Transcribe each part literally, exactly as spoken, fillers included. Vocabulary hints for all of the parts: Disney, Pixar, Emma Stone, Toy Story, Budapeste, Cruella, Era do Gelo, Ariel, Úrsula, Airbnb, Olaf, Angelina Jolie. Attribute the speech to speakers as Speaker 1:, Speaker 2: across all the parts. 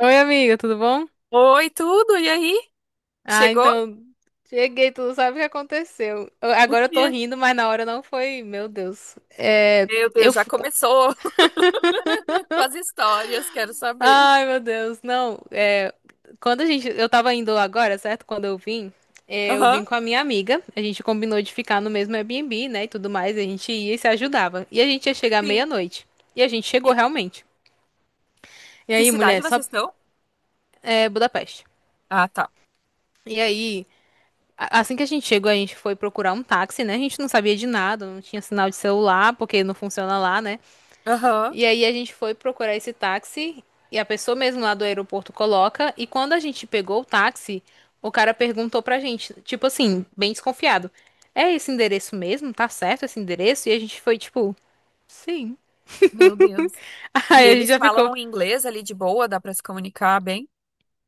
Speaker 1: Oi, amiga, tudo bom?
Speaker 2: Oi, tudo? E aí?
Speaker 1: Ah,
Speaker 2: Chegou?
Speaker 1: então, cheguei, tu não sabe o que aconteceu. Eu-
Speaker 2: O
Speaker 1: agora eu tô
Speaker 2: quê?
Speaker 1: rindo, mas na hora não foi, meu Deus. É,
Speaker 2: Meu Deus,
Speaker 1: eu...
Speaker 2: já
Speaker 1: fu-
Speaker 2: começou com as histórias, quero saber.
Speaker 1: ai, meu Deus, não. É, quando a gente... Eu tava indo agora, certo? Quando eu vim, é, eu
Speaker 2: Aham.
Speaker 1: vim com a minha amiga. A gente combinou de ficar no mesmo Airbnb, né, e tudo mais. A gente ia e se ajudava. E a gente ia chegar
Speaker 2: Sim.
Speaker 1: meia-noite. E a gente chegou
Speaker 2: Que,
Speaker 1: realmente. E
Speaker 2: que
Speaker 1: aí,
Speaker 2: cidade
Speaker 1: mulher, só...
Speaker 2: vocês estão?
Speaker 1: É, Budapeste.
Speaker 2: Ah, tá.
Speaker 1: E aí... A- Assim que a gente chegou, a gente foi procurar um táxi, né? A gente não sabia de nada, não tinha sinal de celular, porque não funciona lá, né?
Speaker 2: Aham.
Speaker 1: E aí a gente foi procurar esse táxi e a pessoa mesmo lá do aeroporto coloca. E quando a gente pegou o táxi, o cara perguntou pra gente, tipo assim, bem desconfiado: é esse endereço mesmo? Tá certo esse endereço? E a gente foi tipo, sim.
Speaker 2: Meu Deus. E
Speaker 1: Aí a gente
Speaker 2: eles
Speaker 1: já ficou.
Speaker 2: falam inglês ali de boa, dá pra se comunicar bem?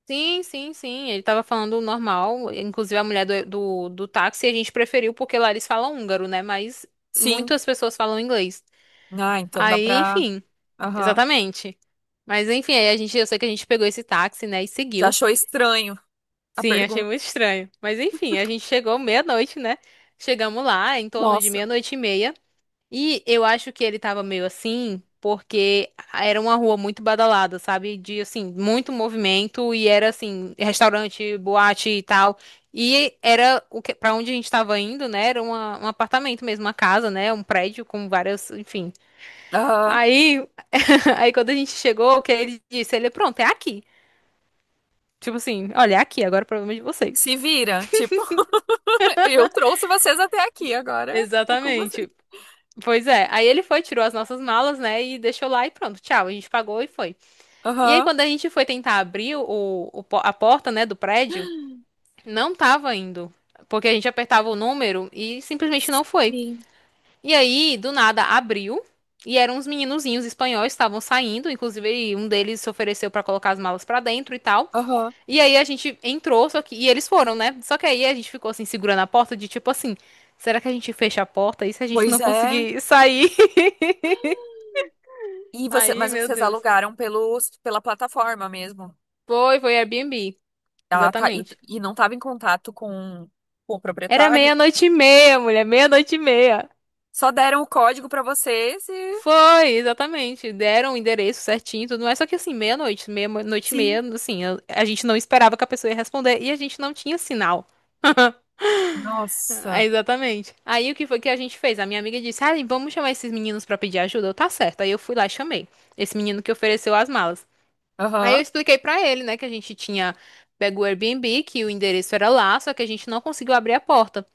Speaker 1: Sim, sim, sim. Ele tava falando normal. Inclusive, a mulher do, do, do táxi a gente preferiu porque lá eles falam húngaro, né? Mas
Speaker 2: Sim.
Speaker 1: muitas pessoas falam inglês.
Speaker 2: Ah, então dá
Speaker 1: Aí,
Speaker 2: pra.
Speaker 1: enfim,
Speaker 2: Aham.
Speaker 1: exatamente. Mas enfim, aí a gente, eu sei que a gente pegou esse táxi, né? E
Speaker 2: Já
Speaker 1: seguiu.
Speaker 2: achou estranho a
Speaker 1: Sim, achei
Speaker 2: pergunta?
Speaker 1: muito estranho. Mas enfim, a gente chegou meia-noite, né? Chegamos lá em torno de
Speaker 2: Nossa.
Speaker 1: meia-noite e meia. E eu acho que ele tava meio assim, porque era uma rua muito badalada, sabe? De, assim, muito movimento e era, assim, restaurante, boate e tal. E era o que, para onde a gente tava indo, né? Era uma- um apartamento mesmo, uma casa, né? Um prédio com várias, enfim.
Speaker 2: Aham.
Speaker 1: Aí, aí quando a gente chegou, o que ele disse? Ele, pronto, é aqui. Tipo assim, olha, é aqui, agora é o problema é de vocês.
Speaker 2: Se vira, tipo, eu trouxe vocês até aqui, agora é com vocês.
Speaker 1: Exatamente. Pois é. Aí ele foi, tirou as nossas malas, né? E deixou lá e pronto, tchau. A gente pagou e foi. E aí,
Speaker 2: Aham.
Speaker 1: quando a gente foi tentar abrir o, o po- a porta, né, do prédio, não tava indo. Porque a gente apertava o número e simplesmente não foi.
Speaker 2: Sim.
Speaker 1: E aí, do nada, abriu. E eram uns meninozinhos espanhóis, que estavam saindo. Inclusive, um deles se ofereceu pra colocar as malas pra dentro e tal.
Speaker 2: Aham.
Speaker 1: E aí, a gente entrou, só que... E eles foram, né? Só que aí, a gente ficou, assim, segurando a porta de tipo assim... Será que a gente fecha a porta? E se a gente não
Speaker 2: Pois é.
Speaker 1: conseguir sair?
Speaker 2: E você,
Speaker 1: Aí,
Speaker 2: mas
Speaker 1: meu
Speaker 2: vocês
Speaker 1: Deus.
Speaker 2: alugaram pelos, pela plataforma mesmo.
Speaker 1: Foi, foi Airbnb.
Speaker 2: Ela tá, e,
Speaker 1: Exatamente.
Speaker 2: e não estava em contato com, com o
Speaker 1: Era
Speaker 2: proprietário.
Speaker 1: meia-noite e meia, mulher, meia-noite e meia.
Speaker 2: Só deram o código para vocês e.
Speaker 1: Foi, exatamente. Deram o endereço certinho, e tudo mais. Só que assim, meia-noite, meia-noite e
Speaker 2: Sim.
Speaker 1: meia, assim, eu- a gente não esperava que a pessoa ia responder e a gente não tinha sinal. Ah,
Speaker 2: Nossa.
Speaker 1: exatamente. Aí o que foi que a gente fez? A minha amiga disse: ah, vamos chamar esses meninos pra pedir ajuda. Eu, tá certo. Aí eu fui lá e chamei. Esse menino que ofereceu as malas. Aí eu
Speaker 2: Aham.
Speaker 1: expliquei pra ele, né, que a gente tinha pego o Airbnb, que o endereço era lá, só que a gente não conseguiu abrir a porta.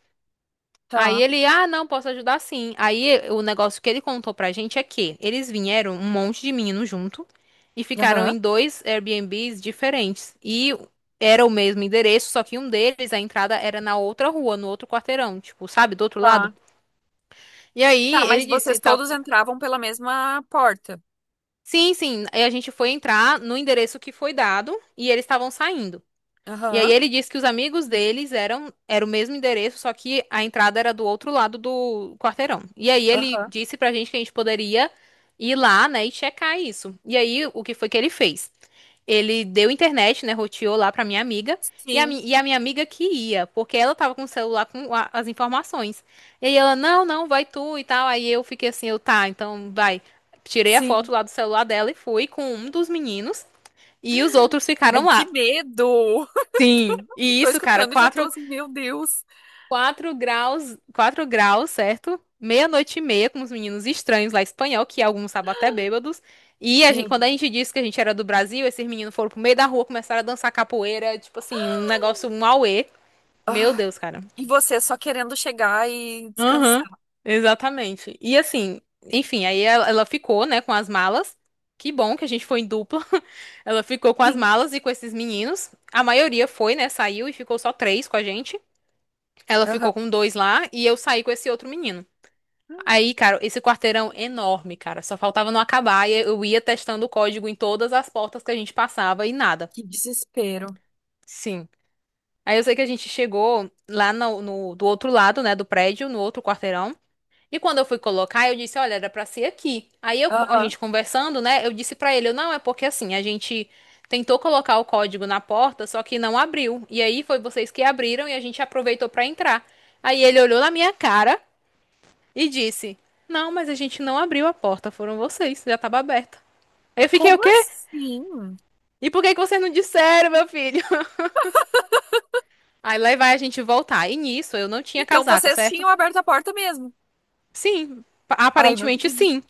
Speaker 1: Aí
Speaker 2: Tá.
Speaker 1: ele, ah, não, posso ajudar sim. Aí eh, o negócio que ele contou pra gente é que eles vieram um monte de meninos junto e ficaram
Speaker 2: Aham.
Speaker 1: em dois Airbnbs diferentes. E era o mesmo endereço, só que um deles, a entrada era na outra rua, no outro quarteirão, tipo, sabe, do outro lado.
Speaker 2: Tá.
Speaker 1: E aí
Speaker 2: Tá,
Speaker 1: ele
Speaker 2: mas
Speaker 1: disse,
Speaker 2: vocês
Speaker 1: tal.
Speaker 2: todos entravam pela mesma porta.
Speaker 1: Sim, sim. Aí a gente foi entrar no endereço que foi dado e eles estavam saindo. E aí
Speaker 2: Aham.
Speaker 1: ele disse que os amigos deles eram era o mesmo endereço, só que a entrada era do outro lado do quarteirão. E aí ele
Speaker 2: Aham.
Speaker 1: disse pra gente que a gente poderia ir lá, né, e checar isso. E aí o que foi que ele fez? Ele deu internet, né, roteou lá pra minha amiga. E a,
Speaker 2: Sim.
Speaker 1: mi- e a minha amiga que ia, porque ela tava com o celular com a- as informações. E aí ela, não, não, vai tu e tal. Aí eu fiquei assim, eu, tá, então vai. Tirei a foto
Speaker 2: Sim.
Speaker 1: lá do celular dela e fui com um dos meninos. E os outros ficaram
Speaker 2: Ai, que
Speaker 1: lá.
Speaker 2: medo!
Speaker 1: Sim, e
Speaker 2: Tô
Speaker 1: isso, cara,
Speaker 2: escutando e já tô
Speaker 1: quatro
Speaker 2: assim, meu Deus.
Speaker 1: quatro graus, quatro graus, certo? Meia-noite e meia com os meninos estranhos lá espanhol, que alguns estavam até bêbados. E a gente,
Speaker 2: Meu
Speaker 1: quando
Speaker 2: Deus.
Speaker 1: a gente disse que a gente era do Brasil, esses meninos foram pro meio da rua, começaram a dançar capoeira, tipo assim, um negócio, um auê. Meu
Speaker 2: Ai,
Speaker 1: Deus, cara.
Speaker 2: e você só querendo chegar e descansar.
Speaker 1: Aham, exatamente. E assim, enfim, aí ela, ela ficou, né, com as malas. Que bom que a gente foi em dupla. Ela ficou com as malas e com esses meninos. A maioria foi, né, saiu e ficou só três com a gente. Ela ficou
Speaker 2: Aham.
Speaker 1: com dois lá e eu saí com esse outro menino. Aí, cara, esse quarteirão enorme, cara, só faltava não acabar e eu ia testando o código em todas as portas que a gente passava e nada.
Speaker 2: Que desespero.
Speaker 1: Sim. Aí eu sei que a gente chegou lá no, no- do outro lado, né, do prédio, no outro quarteirão. E quando eu fui colocar, eu disse, olha, era pra ser aqui. Aí eu- a
Speaker 2: Aham.
Speaker 1: gente conversando, né, eu disse pra ele, eu, não, é porque assim, a gente tentou colocar o código na porta, só que não abriu. E aí foi vocês que abriram e a gente aproveitou pra entrar. Aí ele olhou na minha cara e disse: não, mas a gente não abriu a porta, foram vocês, já tava aberta. Aí eu fiquei, o
Speaker 2: Como
Speaker 1: quê?
Speaker 2: assim?
Speaker 1: E por que que vocês não disseram, meu filho? Aí lá vai a gente voltar. E nisso eu não tinha
Speaker 2: Então
Speaker 1: casaco,
Speaker 2: vocês
Speaker 1: certo?
Speaker 2: tinham aberto a porta mesmo.
Speaker 1: Sim,
Speaker 2: Ai, não
Speaker 1: aparentemente
Speaker 2: acredito.
Speaker 1: sim.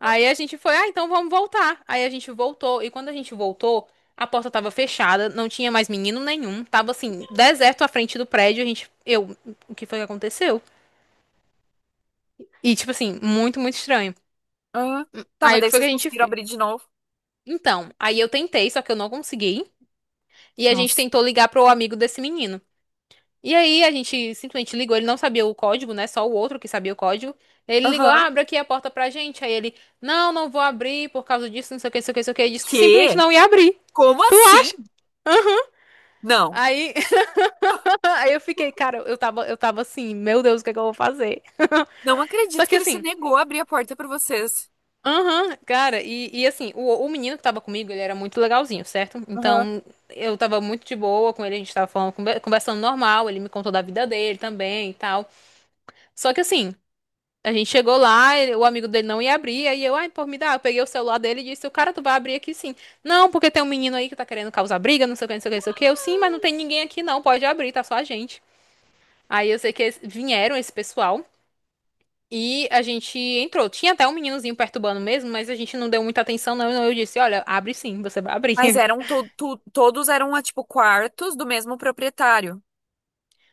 Speaker 1: Aí a gente foi, ah, então vamos voltar. Aí a gente voltou, e quando a gente voltou, a porta tava fechada, não tinha mais menino nenhum, tava assim, deserto à frente do prédio, a gente, eu, o que foi que aconteceu? E tipo assim, muito, muito estranho.
Speaker 2: Aham. Tá, mas
Speaker 1: Aí o
Speaker 2: daí
Speaker 1: que foi que
Speaker 2: vocês
Speaker 1: a gente
Speaker 2: conseguiram
Speaker 1: fez?
Speaker 2: abrir de novo.
Speaker 1: Então, aí eu tentei, só que eu não consegui. E a gente
Speaker 2: Nossa.
Speaker 1: tentou ligar pro amigo desse menino. E aí a gente simplesmente ligou, ele não sabia o código, né? Só o outro que sabia o código. Ele ligou, ah,
Speaker 2: Aham.
Speaker 1: abre aqui a porta pra gente. Aí ele, não, não vou abrir por causa disso, não sei o que, não sei o que, não sei o que. Ele disse que simplesmente
Speaker 2: Quê?
Speaker 1: não ia abrir.
Speaker 2: Como
Speaker 1: Tu
Speaker 2: assim?
Speaker 1: acha?
Speaker 2: Não.
Speaker 1: Aí, aí eu fiquei, cara, eu tava, eu tava assim, meu Deus, o que é que eu vou fazer?
Speaker 2: Não
Speaker 1: Só
Speaker 2: acredito que
Speaker 1: que
Speaker 2: ele se
Speaker 1: assim,
Speaker 2: negou a abrir a porta pra vocês.
Speaker 1: aham, cara, e, e assim, o, o menino que tava comigo, ele era muito legalzinho, certo?
Speaker 2: Aham.
Speaker 1: Então, eu tava muito de boa com ele, a gente tava falando, conver- conversando normal, ele me contou da vida dele também e tal. Só que assim, a gente chegou lá, ele- o amigo dele não ia abrir, aí eu, ai, pô, me dá, eu peguei o celular dele e disse, o cara, tu vai abrir aqui sim. Não, porque tem um menino aí que tá querendo causar briga, não sei o que, não sei o que, não sei o que. Eu, sim, mas não tem ninguém aqui não, pode abrir, tá só a gente. Aí eu sei que eles vieram esse pessoal e a gente entrou. Tinha até um meninozinho perturbando mesmo, mas a gente não deu muita atenção não, então eu disse, olha, abre sim, você vai
Speaker 2: Mas
Speaker 1: abrir.
Speaker 2: eram to to- todos eram ah, tipo quartos do mesmo proprietário.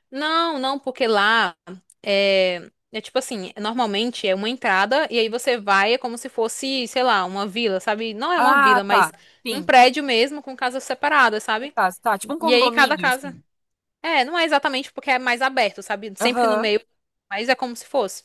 Speaker 1: Não, não, porque lá é, é tipo assim, normalmente é uma entrada e aí você vai, é como se fosse, sei lá, uma vila, sabe? Não é uma
Speaker 2: Ah,
Speaker 1: vila,
Speaker 2: tá.
Speaker 1: mas um
Speaker 2: Sim.
Speaker 1: prédio mesmo com casas separadas, sabe?
Speaker 2: Tá, tá. Tipo um
Speaker 1: E aí cada
Speaker 2: condomínio,
Speaker 1: casa.
Speaker 2: assim.
Speaker 1: É, não é exatamente porque é mais aberto, sabe? Sempre no
Speaker 2: Aham.
Speaker 1: meio, mas é como se fosse.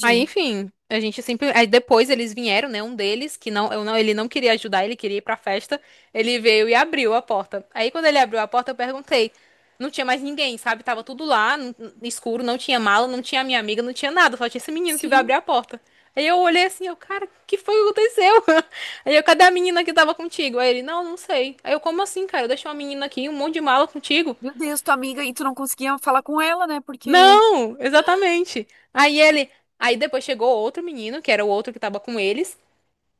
Speaker 1: Aí, enfim, a gente sempre. Aí depois eles vieram, né? Um deles, que não, eu não, ele não queria ajudar, ele queria ir pra festa. Ele veio e abriu a porta. Aí quando ele abriu a porta, eu perguntei. Não tinha mais ninguém, sabe? Tava tudo lá, n- n- escuro, não tinha mala, não tinha minha amiga, não tinha nada, só tinha esse menino que veio abrir
Speaker 2: Sim.
Speaker 1: a porta. Aí eu olhei assim, eu, cara, que foi que aconteceu? Aí eu, cadê a menina que tava contigo? Aí ele, não, não sei. Aí eu, como assim, cara? Eu deixei uma menina aqui, um monte de mala contigo.
Speaker 2: Meu Deus, tua amiga, e tu não conseguia falar com ela, né? Porque.
Speaker 1: Não, exatamente. Aí ele, aí depois chegou outro menino, que era o outro que tava com eles,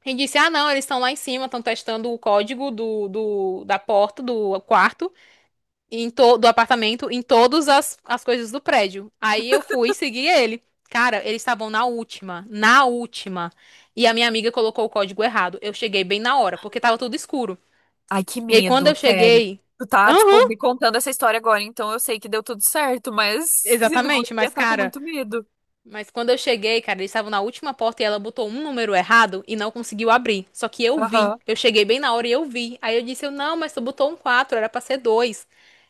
Speaker 1: e disse: "Ah, não, eles estão lá em cima, estão testando o código do, do da porta do quarto e em to, do apartamento em todas as, as coisas do prédio". Aí eu fui seguir ele. Cara, eles estavam na última, na última. E a minha amiga colocou o código errado. Eu cheguei bem na hora, porque tava tudo escuro.
Speaker 2: Ai, que
Speaker 1: E aí quando
Speaker 2: medo,
Speaker 1: eu
Speaker 2: sério.
Speaker 1: cheguei,
Speaker 2: Tu tá, tipo,
Speaker 1: aham,
Speaker 2: me contando essa história agora, então eu sei que deu tudo certo, mas senão eu
Speaker 1: exatamente,
Speaker 2: ia
Speaker 1: mas
Speaker 2: estar com
Speaker 1: cara,
Speaker 2: muito medo.
Speaker 1: mas quando eu cheguei, cara, eles estavam na última porta e ela botou um número errado e não conseguiu abrir. Só que eu vi.
Speaker 2: Aham.
Speaker 1: Eu cheguei bem na hora e eu vi. Aí eu disse, eu, não, mas tu botou um quatro, era pra ser dois.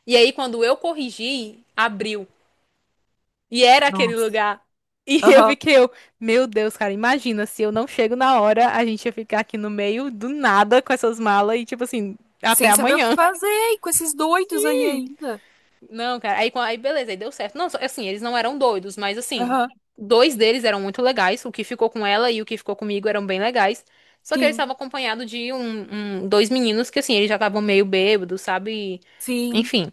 Speaker 1: E aí quando eu corrigi, abriu. E era aquele
Speaker 2: Nossa.
Speaker 1: lugar. E eu
Speaker 2: Aham.
Speaker 1: fiquei, eu, meu Deus, cara, imagina se eu não chego na hora, a gente ia ficar aqui no meio do nada com essas malas e tipo assim, até
Speaker 2: Sem saber o que
Speaker 1: amanhã.
Speaker 2: fazer, e com esses doidos aí ainda.
Speaker 1: Não, cara. Aí, quan- aí beleza, aí deu certo. Não, só- assim, eles não eram doidos, mas assim,
Speaker 2: Aham.
Speaker 1: dois deles eram muito legais. O que ficou com ela e o que ficou comigo eram bem legais. Só que eles
Speaker 2: Sim,
Speaker 1: estavam acompanhados de um, um- dois meninos que, assim, eles já estavam meio bêbados, sabe?
Speaker 2: sim.
Speaker 1: Enfim.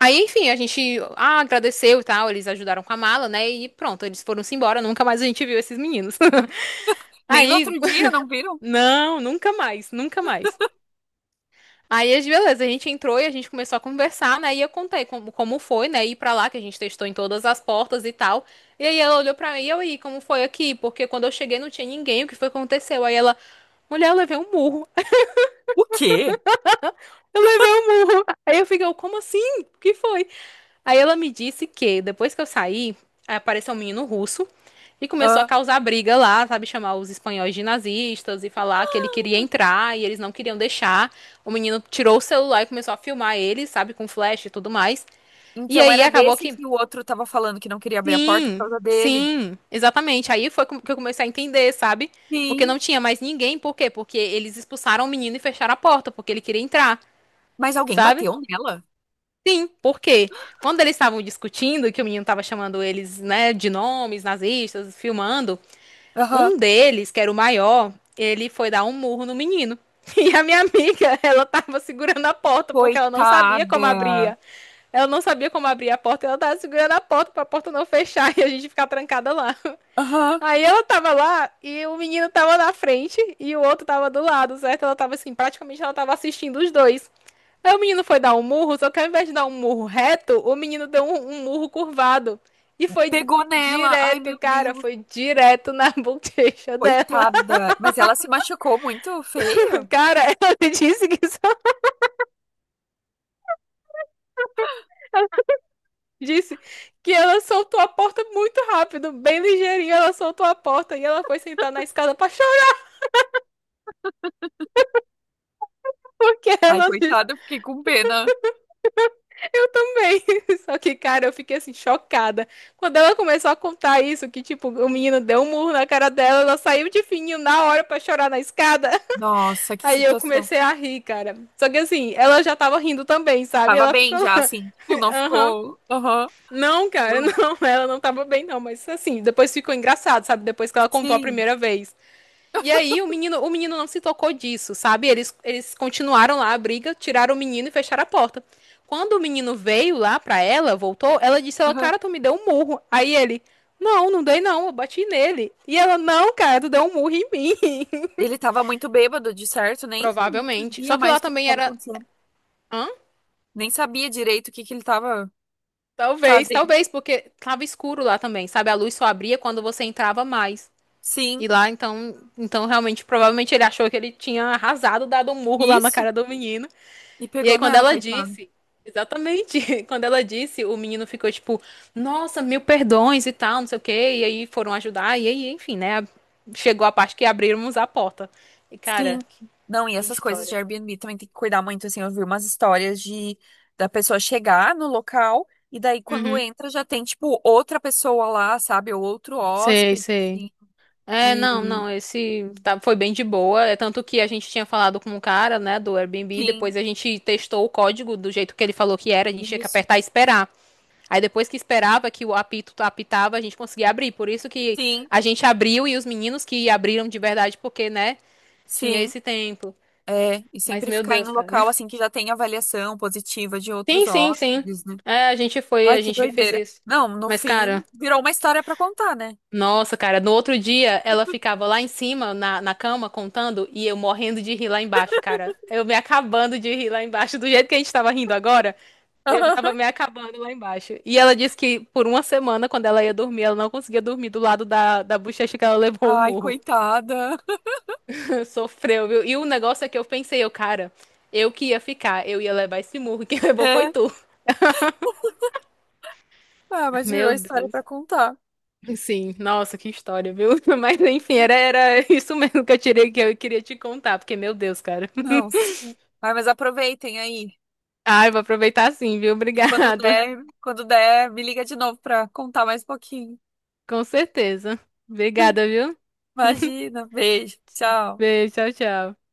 Speaker 1: Aí, enfim, a gente ah, agradeceu e tal, eles ajudaram com a mala, né? E pronto, eles foram-se embora, nunca mais a gente viu esses meninos.
Speaker 2: Nem no
Speaker 1: Aí,
Speaker 2: outro dia, não viram?
Speaker 1: não, nunca mais, nunca mais. Aí, as- beleza, a gente entrou e a gente começou a conversar, né? E eu contei como, como foi, né? Ir pra lá, que a gente testou em todas as portas e tal. E aí ela olhou pra mim e eu, e como foi aqui? Porque quando eu cheguei não tinha ninguém, o que foi que aconteceu? Aí ela, mulher, eu levei um murro.
Speaker 2: O quê?
Speaker 1: Eu levei um murro. Aí eu fiquei, eu, como assim? O que foi? Aí ela me disse que depois que eu saí, aí apareceu um menino russo e começou a
Speaker 2: Ah.
Speaker 1: causar briga lá, sabe? Chamar os espanhóis de nazistas e falar que ele queria entrar e eles não queriam deixar. O menino tirou o celular e começou a filmar ele, sabe? Com flash e tudo mais. E
Speaker 2: Então
Speaker 1: aí
Speaker 2: era
Speaker 1: acabou
Speaker 2: desse
Speaker 1: que.
Speaker 2: que o outro tava falando que não queria abrir a porta por
Speaker 1: Sim,
Speaker 2: causa dele.
Speaker 1: sim, exatamente. Aí foi com- que eu comecei a entender, sabe? Porque
Speaker 2: Sim.
Speaker 1: não tinha mais ninguém. Por quê? Porque eles expulsaram o menino e fecharam a porta, porque ele queria entrar,
Speaker 2: Mas alguém
Speaker 1: sabe?
Speaker 2: bateu nela?
Speaker 1: Sim, porque quando eles estavam discutindo, que o menino estava chamando eles, né, de nomes nazistas, filmando,
Speaker 2: Aham.
Speaker 1: um deles, que era o maior, ele foi dar um murro no menino. E a minha amiga, ela tava segurando a porta porque ela não sabia como
Speaker 2: Coitada.
Speaker 1: abria. Ela não sabia como abrir a porta, ela tava segurando a porta para a porta não fechar e a gente ficar trancada lá.
Speaker 2: Aham.
Speaker 1: Aí ela tava lá e o menino tava na frente e o outro tava do lado, certo? Ela tava assim, praticamente ela tava assistindo os dois. Aí o menino foi dar um murro, só que ao invés de dar um murro reto, o menino deu um, um murro curvado. E foi
Speaker 2: Pegou nela. Ai,
Speaker 1: direto,
Speaker 2: meu
Speaker 1: cara,
Speaker 2: Deus.
Speaker 1: foi direto na bochecha dela.
Speaker 2: Coitada. Mas ela se machucou muito feio.
Speaker 1: Cara, ela me disse que só disse que ela soltou a porta muito rápido, bem ligeirinho, ela soltou a porta e ela foi sentar na escada pra chorar, porque
Speaker 2: Ai,
Speaker 1: ela disse
Speaker 2: coitada, eu fiquei com pena.
Speaker 1: também. Só que, cara, eu fiquei assim, chocada. Quando ela começou a contar isso, que tipo, o menino deu um murro na cara dela, ela saiu de fininho na hora pra chorar na escada.
Speaker 2: Nossa, que
Speaker 1: Aí eu
Speaker 2: situação.
Speaker 1: comecei a rir, cara. Só que assim, ela já tava rindo também, sabe?
Speaker 2: Tava
Speaker 1: Ela
Speaker 2: bem
Speaker 1: ficou
Speaker 2: já,
Speaker 1: lá,
Speaker 2: assim. Tipo, não
Speaker 1: aham.
Speaker 2: ficou. Aham.
Speaker 1: Não, cara,
Speaker 2: Não.
Speaker 1: não, ela não tava bem, não. Mas assim, depois ficou engraçado, sabe? Depois que ela contou a
Speaker 2: Sim.
Speaker 1: primeira vez. E aí o menino, o menino não se tocou disso, sabe? Eles, eles continuaram lá a briga, tiraram o menino e fecharam a porta. Quando o menino veio lá pra ela, voltou, ela disse, ela,
Speaker 2: Aham.
Speaker 1: cara, tu me deu um murro. Aí ele, não, não dei não, eu bati nele. E ela, não, cara, tu deu um murro em mim.
Speaker 2: Ele tava muito bêbado, de certo. Nem
Speaker 1: Provavelmente.
Speaker 2: sabia
Speaker 1: Só que
Speaker 2: mais
Speaker 1: lá
Speaker 2: o que
Speaker 1: também
Speaker 2: estava
Speaker 1: era.
Speaker 2: acontecendo.
Speaker 1: Hã?
Speaker 2: Nem sabia direito o que que ele tava
Speaker 1: Talvez,
Speaker 2: fazendo.
Speaker 1: talvez, porque tava escuro lá também, sabe? A luz só abria quando você entrava mais.
Speaker 2: Sim,
Speaker 1: E lá, então, então realmente, provavelmente ele achou que ele tinha arrasado, dado um murro lá na
Speaker 2: isso.
Speaker 1: cara do menino.
Speaker 2: E
Speaker 1: E
Speaker 2: pegou
Speaker 1: aí, quando
Speaker 2: nela,
Speaker 1: ela
Speaker 2: coitada.
Speaker 1: disse, exatamente, quando ela disse, o menino ficou tipo, nossa, mil perdões e tal, não sei o quê. E aí foram ajudar, e aí, enfim, né? Chegou a parte que abrimos a porta. E cara,
Speaker 2: Sim. Não, e
Speaker 1: que
Speaker 2: essas coisas de
Speaker 1: história.
Speaker 2: Airbnb também tem que cuidar muito, assim, eu vi umas histórias de da pessoa chegar no local e daí quando
Speaker 1: Uhum.
Speaker 2: entra já tem, tipo, outra pessoa lá, sabe? Ou outro
Speaker 1: Sei,
Speaker 2: hóspede,
Speaker 1: sei.
Speaker 2: assim.
Speaker 1: É, não,
Speaker 2: E
Speaker 1: não, esse tá- foi bem de boa. É tanto que a gente tinha falado com o cara, né, do Airbnb,
Speaker 2: sim,
Speaker 1: depois a gente testou o código do jeito que ele falou que era, a gente tinha que
Speaker 2: isso.
Speaker 1: apertar e esperar. Aí depois que esperava que o apito apitava, a gente conseguia abrir. Por isso que
Speaker 2: Sim,
Speaker 1: a gente abriu e os meninos que abriram de verdade, porque, né, tinha
Speaker 2: sim.
Speaker 1: esse tempo.
Speaker 2: É, e
Speaker 1: Mas,
Speaker 2: sempre
Speaker 1: meu
Speaker 2: ficar em um
Speaker 1: Deus, cara.
Speaker 2: local assim que já tem avaliação positiva de
Speaker 1: Sim,
Speaker 2: outros
Speaker 1: sim, sim.
Speaker 2: hóspedes, né?
Speaker 1: É, a gente foi,
Speaker 2: Ai,
Speaker 1: a
Speaker 2: que
Speaker 1: gente fez
Speaker 2: doideira.
Speaker 1: isso.
Speaker 2: Não, no
Speaker 1: Mas,
Speaker 2: fim,
Speaker 1: cara.
Speaker 2: virou uma história pra contar, né?
Speaker 1: Nossa, cara, no outro dia ela ficava lá em cima, na, na cama, contando, e eu morrendo de rir lá embaixo, cara. Eu me acabando de rir lá embaixo, do jeito que a gente tava rindo agora, eu tava me acabando lá embaixo. E ela disse que por uma semana, quando ela ia dormir, ela não conseguia dormir do lado da, da bochecha que ela levou o
Speaker 2: Ai,
Speaker 1: murro.
Speaker 2: coitada.
Speaker 1: Sofreu, viu? E o negócio é que eu pensei, eu, cara, eu que ia ficar, eu ia levar esse murro, quem levou foi
Speaker 2: É,
Speaker 1: tu.
Speaker 2: ah, mas virou
Speaker 1: Meu
Speaker 2: história pra
Speaker 1: Deus.
Speaker 2: contar.
Speaker 1: Sim, nossa, que história, viu? Mas enfim, era, era isso mesmo que eu tirei que eu queria te contar, porque, meu Deus, cara.
Speaker 2: Não. Sim. Ai, mas aproveitem aí.
Speaker 1: Ai, vou aproveitar sim, viu?
Speaker 2: E quando
Speaker 1: Obrigada.
Speaker 2: der, quando der, me liga de novo pra contar mais um pouquinho.
Speaker 1: Com certeza. Obrigada, viu?
Speaker 2: Imagina. Beijo. Tchau.
Speaker 1: Beijo, tchau, tchau.